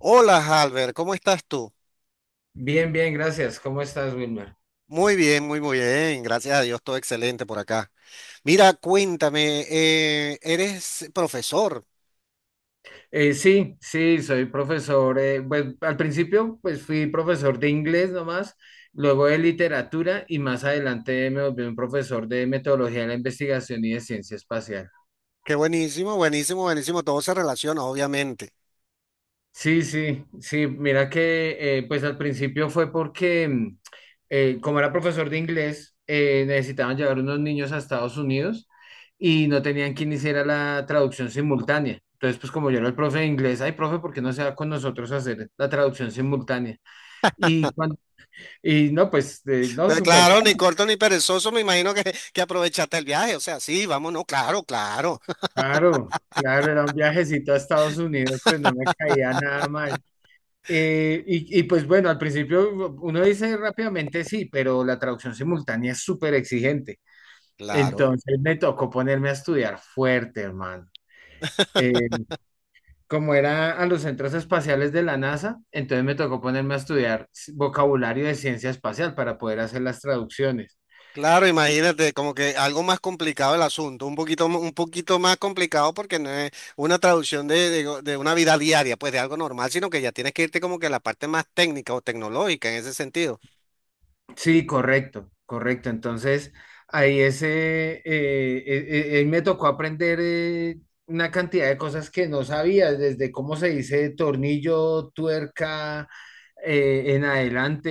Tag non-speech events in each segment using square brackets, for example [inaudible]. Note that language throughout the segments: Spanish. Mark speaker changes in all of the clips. Speaker 1: Hola, Halber, ¿cómo estás tú?
Speaker 2: Bien, bien, gracias. ¿Cómo estás, Wilmer?
Speaker 1: Muy bien, muy bien. Gracias a Dios, todo excelente por acá. Mira, cuéntame, eres profesor.
Speaker 2: Sí, sí, soy profesor. Pues al principio, pues fui profesor de inglés nomás, luego de literatura y más adelante me volví un profesor de metodología de la investigación y de ciencia espacial.
Speaker 1: Qué buenísimo, buenísimo, buenísimo. Todo se relaciona, obviamente.
Speaker 2: Sí, sí, sí, mira que pues al principio fue porque como era profesor de inglés, necesitaban llevar unos niños a Estados Unidos y no tenían quien hiciera la traducción simultánea. Entonces, pues como yo era el profe de inglés, ay, profe, ¿por qué no se va con nosotros a hacer la traducción simultánea? Y, cuan- y no, pues no,
Speaker 1: Pero
Speaker 2: súper
Speaker 1: claro, ni
Speaker 2: fácil.
Speaker 1: corto ni perezoso, me imagino que aprovechaste el viaje. O sea, sí, vámonos, claro, claro,
Speaker 2: Claro, claro, era un viajecito a Estados Unidos, pues no me caía nada mal. Pues bueno, al principio uno dice rápidamente sí, pero la traducción simultánea es súper exigente.
Speaker 1: [laughs] claro.
Speaker 2: Entonces me tocó ponerme a estudiar fuerte, hermano. Eh, como era a los centros espaciales de la NASA, entonces me tocó ponerme a estudiar vocabulario de ciencia espacial para poder hacer las traducciones.
Speaker 1: Claro, imagínate, como que algo más complicado el asunto, un poquito, un poquito más complicado porque no es una traducción de de una vida diaria, pues de algo normal, sino que ya tienes que irte como que a la parte más técnica o tecnológica en ese sentido.
Speaker 2: Sí, correcto, correcto. Entonces, ahí ese, me tocó aprender una cantidad de cosas que no sabía, desde cómo se dice tornillo, tuerca, en adelante,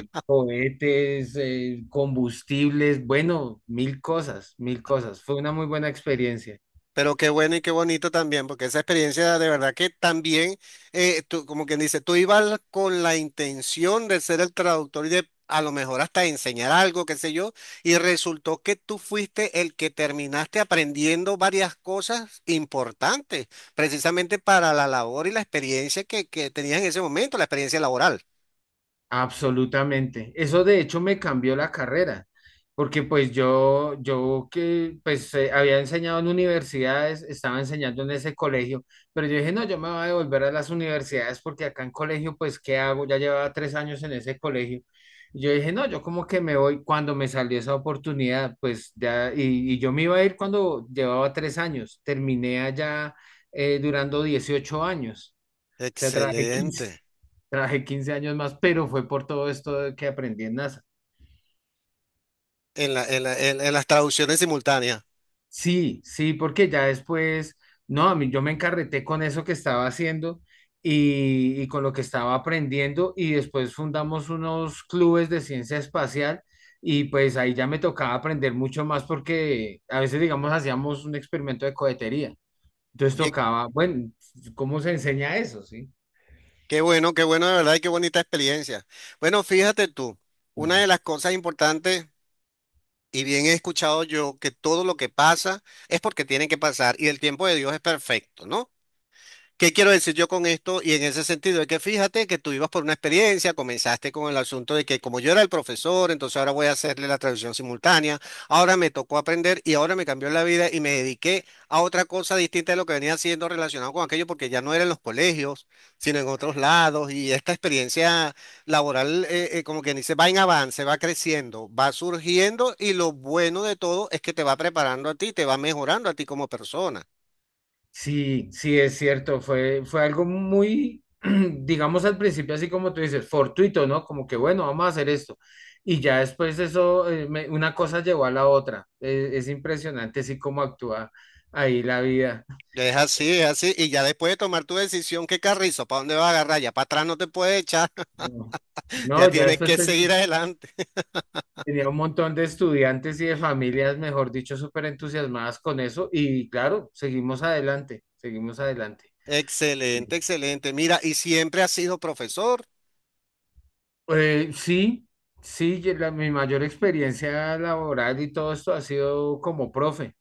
Speaker 2: cohetes, combustibles, bueno, mil cosas, mil cosas. Fue una muy buena experiencia.
Speaker 1: Pero qué bueno y qué bonito también, porque esa experiencia de verdad que también, tú, como quien dice, tú ibas con la intención de ser el traductor y de a lo mejor hasta enseñar algo, qué sé yo, y resultó que tú fuiste el que terminaste aprendiendo varias cosas importantes, precisamente para la labor y la experiencia que tenías en ese momento, la experiencia laboral.
Speaker 2: Absolutamente. Eso de hecho me cambió la carrera, porque pues yo que pues había enseñado en universidades, estaba enseñando en ese colegio, pero yo dije, no, yo me voy a devolver a las universidades porque acá en colegio, pues, ¿qué hago? Ya llevaba 3 años en ese colegio. Yo dije, no, yo como que me voy cuando me salió esa oportunidad, pues ya, y yo me iba a ir cuando llevaba 3 años, terminé allá durando 18 años, o sea,
Speaker 1: Excelente.
Speaker 2: trabajé 15 años más, pero fue por todo esto de que aprendí en NASA.
Speaker 1: En las traducciones simultáneas.
Speaker 2: Sí, sí, porque ya después, no, a mí yo me encarreté con eso que estaba haciendo y con lo que estaba aprendiendo y después fundamos unos clubes de ciencia espacial y pues ahí ya me tocaba aprender mucho más porque a veces, digamos, hacíamos un experimento de cohetería. Entonces
Speaker 1: Oye,
Speaker 2: tocaba, bueno, ¿cómo se enseña eso? Sí.
Speaker 1: qué bueno, qué bueno, de verdad, y qué bonita experiencia. Bueno, fíjate tú, una de las cosas importantes, y bien he escuchado yo, que todo lo que pasa es porque tiene que pasar y el tiempo de Dios es perfecto, ¿no? ¿Qué quiero decir yo con esto? Y en ese sentido, es que fíjate que tú ibas por una experiencia, comenzaste con el asunto de que como yo era el profesor, entonces ahora voy a hacerle la traducción simultánea, ahora me tocó aprender y ahora me cambió la vida y me dediqué a otra cosa distinta de lo que venía haciendo relacionado con aquello, porque ya no era en los colegios, sino en otros lados y esta experiencia laboral, como quien dice, va en avance, va creciendo, va surgiendo y lo bueno de todo es que te va preparando a ti, te va mejorando a ti como persona.
Speaker 2: Sí, sí, es cierto, fue algo muy, [clears throat] digamos al principio, así como tú dices, fortuito, ¿no? Como que bueno, vamos a hacer esto. Y ya después eso, una cosa llevó a la otra. Es impresionante, así como actúa ahí la vida.
Speaker 1: Es así, es así. Y ya después de tomar tu decisión, ¿qué carrizo? ¿Para dónde vas a agarrar? Ya para atrás no te puedes echar,
Speaker 2: No,
Speaker 1: [laughs] ya
Speaker 2: no, ya
Speaker 1: tienes
Speaker 2: después
Speaker 1: que seguir adelante.
Speaker 2: tenía un montón de estudiantes y de familias, mejor dicho, súper entusiasmadas con eso. Y claro, seguimos adelante, seguimos adelante.
Speaker 1: Excelente, excelente. Mira, y siempre has sido profesor.
Speaker 2: Sí, sí, mi mayor experiencia laboral y todo esto ha sido como profe.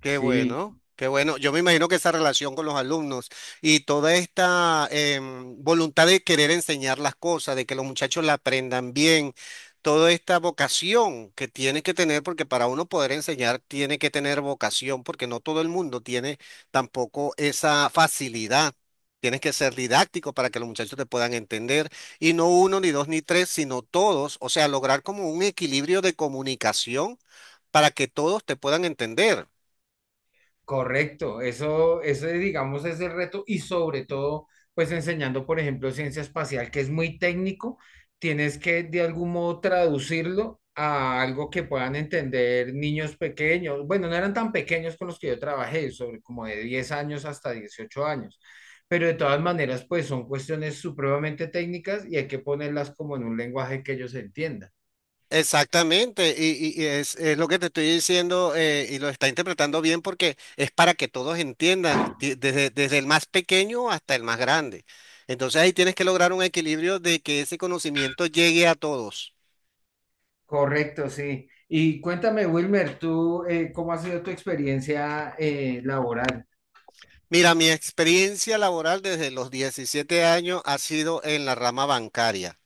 Speaker 1: Qué
Speaker 2: Sí,
Speaker 1: bueno, qué bueno. Yo me imagino que esa relación con los alumnos y toda esta voluntad de querer enseñar las cosas, de que los muchachos la aprendan bien, toda esta vocación que tiene que tener, porque para uno poder enseñar tiene que tener vocación, porque no todo el mundo tiene tampoco esa facilidad. Tienes que ser didáctico para que los muchachos te puedan entender, y no uno, ni dos, ni tres, sino todos, o sea, lograr como un equilibrio de comunicación para que todos te puedan entender.
Speaker 2: correcto, eso es, digamos es el reto y sobre todo pues enseñando por ejemplo ciencia espacial que es muy técnico, tienes que de algún modo traducirlo a algo que puedan entender niños pequeños, bueno, no eran tan pequeños con los que yo trabajé, sobre como de 10 años hasta 18 años, pero de todas maneras pues son cuestiones supremamente técnicas y hay que ponerlas como en un lenguaje que ellos entiendan.
Speaker 1: Exactamente, y es lo que te estoy diciendo y lo está interpretando bien porque es para que todos entiendan, desde, desde el más pequeño hasta el más grande. Entonces ahí tienes que lograr un equilibrio de que ese conocimiento llegue a todos.
Speaker 2: Correcto, sí. Y cuéntame, Wilmer, tú, ¿cómo ha sido tu experiencia laboral?
Speaker 1: Mira, mi experiencia laboral desde los 17 años ha sido en la rama bancaria.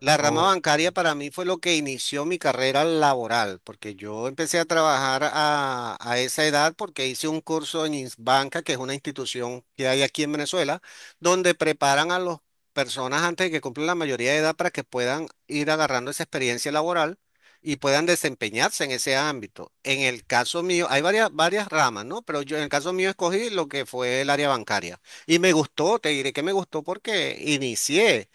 Speaker 1: La rama
Speaker 2: Oh,
Speaker 1: bancaria para mí fue lo que inició mi carrera laboral, porque yo empecé a trabajar a esa edad porque hice un curso en Insbanca, que es una institución que hay aquí en Venezuela, donde preparan a las personas antes de que cumplan la mayoría de edad para que puedan ir agarrando esa experiencia laboral y puedan desempeñarse en ese ámbito. En el caso mío, hay varias ramas, ¿no? Pero yo en el caso mío escogí lo que fue el área bancaria. Y me gustó, te diré que me gustó porque inicié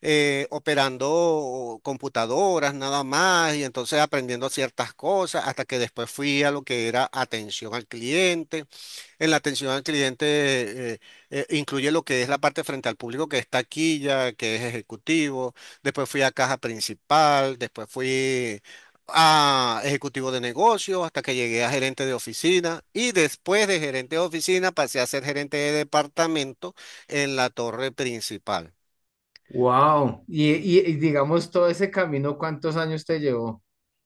Speaker 1: operando computadoras nada más y entonces aprendiendo ciertas cosas hasta que después fui a lo que era atención al cliente. En la atención al cliente incluye lo que es la parte frente al público que es taquilla, que es ejecutivo. Después fui a caja principal, después fui a ejecutivo de negocio hasta que llegué a gerente de oficina y después de gerente de oficina pasé a ser gerente de departamento en la torre principal.
Speaker 2: wow. Y digamos, todo ese camino, ¿cuántos años te llevó?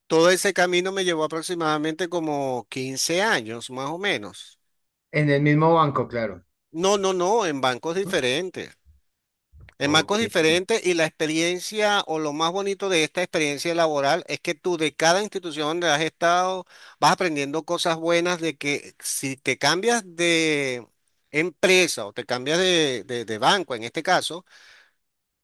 Speaker 1: Todo ese camino me llevó aproximadamente como 15 años, más o menos.
Speaker 2: En el mismo banco, claro.
Speaker 1: No, no, no, en bancos diferentes. En bancos
Speaker 2: Ok.
Speaker 1: diferentes y la experiencia o lo más bonito de esta experiencia laboral es que tú de cada institución donde has estado vas aprendiendo cosas buenas de que si te cambias de empresa o te cambias de, de banco en este caso,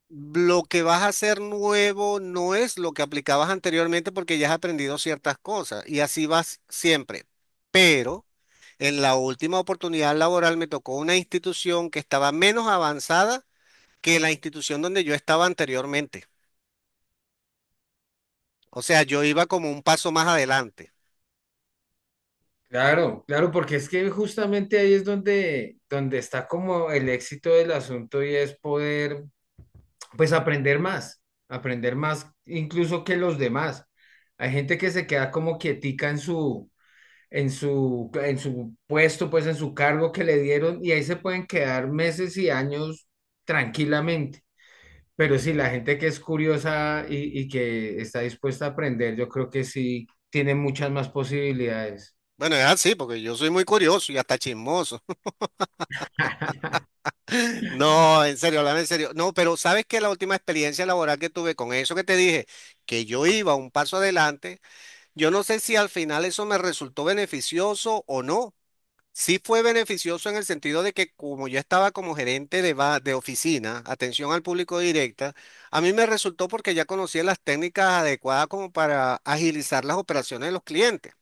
Speaker 1: lo que vas a hacer nuevo no es lo que aplicabas anteriormente porque ya has aprendido ciertas cosas y así vas siempre. Pero en la última oportunidad laboral me tocó una institución que estaba menos avanzada que la institución donde yo estaba anteriormente. O sea, yo iba como un paso más adelante.
Speaker 2: Claro, claro, porque es que justamente ahí es donde, donde está como el éxito del asunto y es poder, pues, aprender más incluso que los demás. Hay gente que se queda como quietica en su, en su puesto, pues en su cargo que le dieron y ahí se pueden quedar meses y años tranquilamente. Pero sí, la gente que es curiosa y que está dispuesta a aprender, yo creo que sí tiene muchas más posibilidades.
Speaker 1: Bueno, es así, porque yo soy muy curioso y hasta chismoso.
Speaker 2: [laughs]
Speaker 1: [laughs] No, en serio, hablame en serio. No, pero sabes que la última experiencia laboral que tuve con eso que te dije, que yo iba un paso adelante. Yo no sé si al final eso me resultó beneficioso o no. Sí fue beneficioso en el sentido de que como yo estaba como gerente de oficina, atención al público directa, a mí me resultó porque ya conocía las técnicas adecuadas como para agilizar las operaciones de los clientes,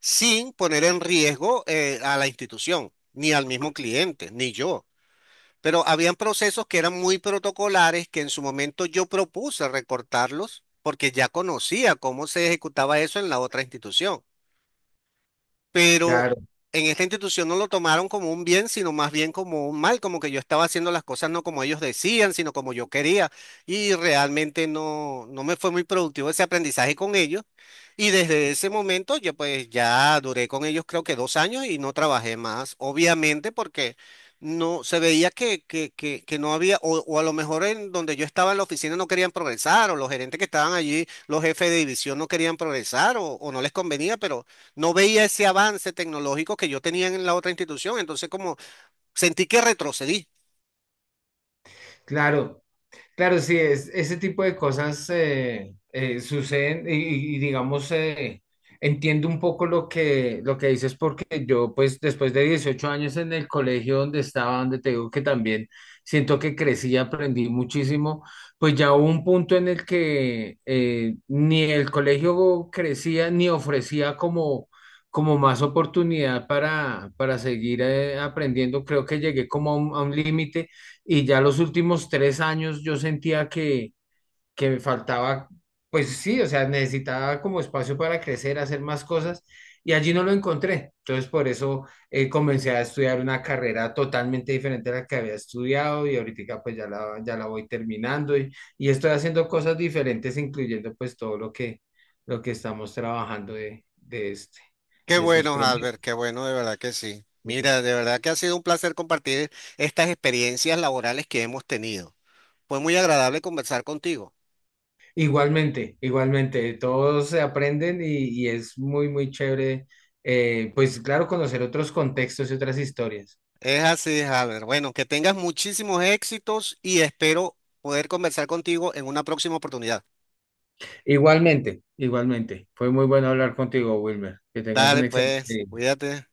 Speaker 1: sin poner en riesgo a la institución, ni al mismo cliente, ni yo. Pero habían procesos que eran muy protocolares que en su momento yo propuse recortarlos porque ya conocía cómo se ejecutaba eso en la otra institución, pero
Speaker 2: Claro,
Speaker 1: en esta institución no lo tomaron como un bien, sino más bien como un mal, como que yo estaba haciendo las cosas no como ellos decían, sino como yo quería, y realmente no me fue muy productivo ese aprendizaje con ellos, y desde ese momento yo pues ya duré con ellos creo que 2 años y no trabajé más, obviamente porque... No, se veía que no había, o a lo mejor en donde yo estaba en la oficina no querían progresar, o los gerentes que estaban allí, los jefes de división no querían progresar, o no les convenía, pero no veía ese avance tecnológico que yo tenía en la otra institución, entonces como sentí que retrocedí.
Speaker 2: claro. Claro, sí, es, ese tipo de cosas suceden y digamos, entiendo un poco lo que dices porque yo, pues, después de 18 años en el colegio donde estaba, donde te digo que también siento que crecí, aprendí muchísimo, pues ya hubo un punto en el que ni el colegio crecía ni ofrecía como, como más oportunidad para seguir aprendiendo. Creo que llegué como a un límite y ya los últimos 3 años yo sentía que me faltaba, pues sí, o sea, necesitaba como espacio para crecer, hacer más cosas, y allí no lo encontré. Entonces, por eso comencé a estudiar una carrera totalmente diferente a la que había estudiado, y ahorita pues ya la, ya la voy terminando, y estoy haciendo cosas diferentes, incluyendo pues todo lo que estamos trabajando de este,
Speaker 1: Qué
Speaker 2: de estos
Speaker 1: bueno, Albert,
Speaker 2: proyectos.
Speaker 1: qué bueno, de verdad que sí. Mira, de verdad que ha sido un placer compartir estas experiencias laborales que hemos tenido. Fue muy agradable conversar contigo.
Speaker 2: Igualmente, igualmente, todos se aprenden y es muy, muy chévere, pues claro, conocer otros contextos y otras historias.
Speaker 1: Es así, Albert. Bueno, que tengas muchísimos éxitos y espero poder conversar contigo en una próxima oportunidad.
Speaker 2: Igualmente, igualmente. Fue muy bueno hablar contigo, Wilmer. Que tengas un
Speaker 1: Dale,
Speaker 2: excelente
Speaker 1: pues,
Speaker 2: día.
Speaker 1: cuídate.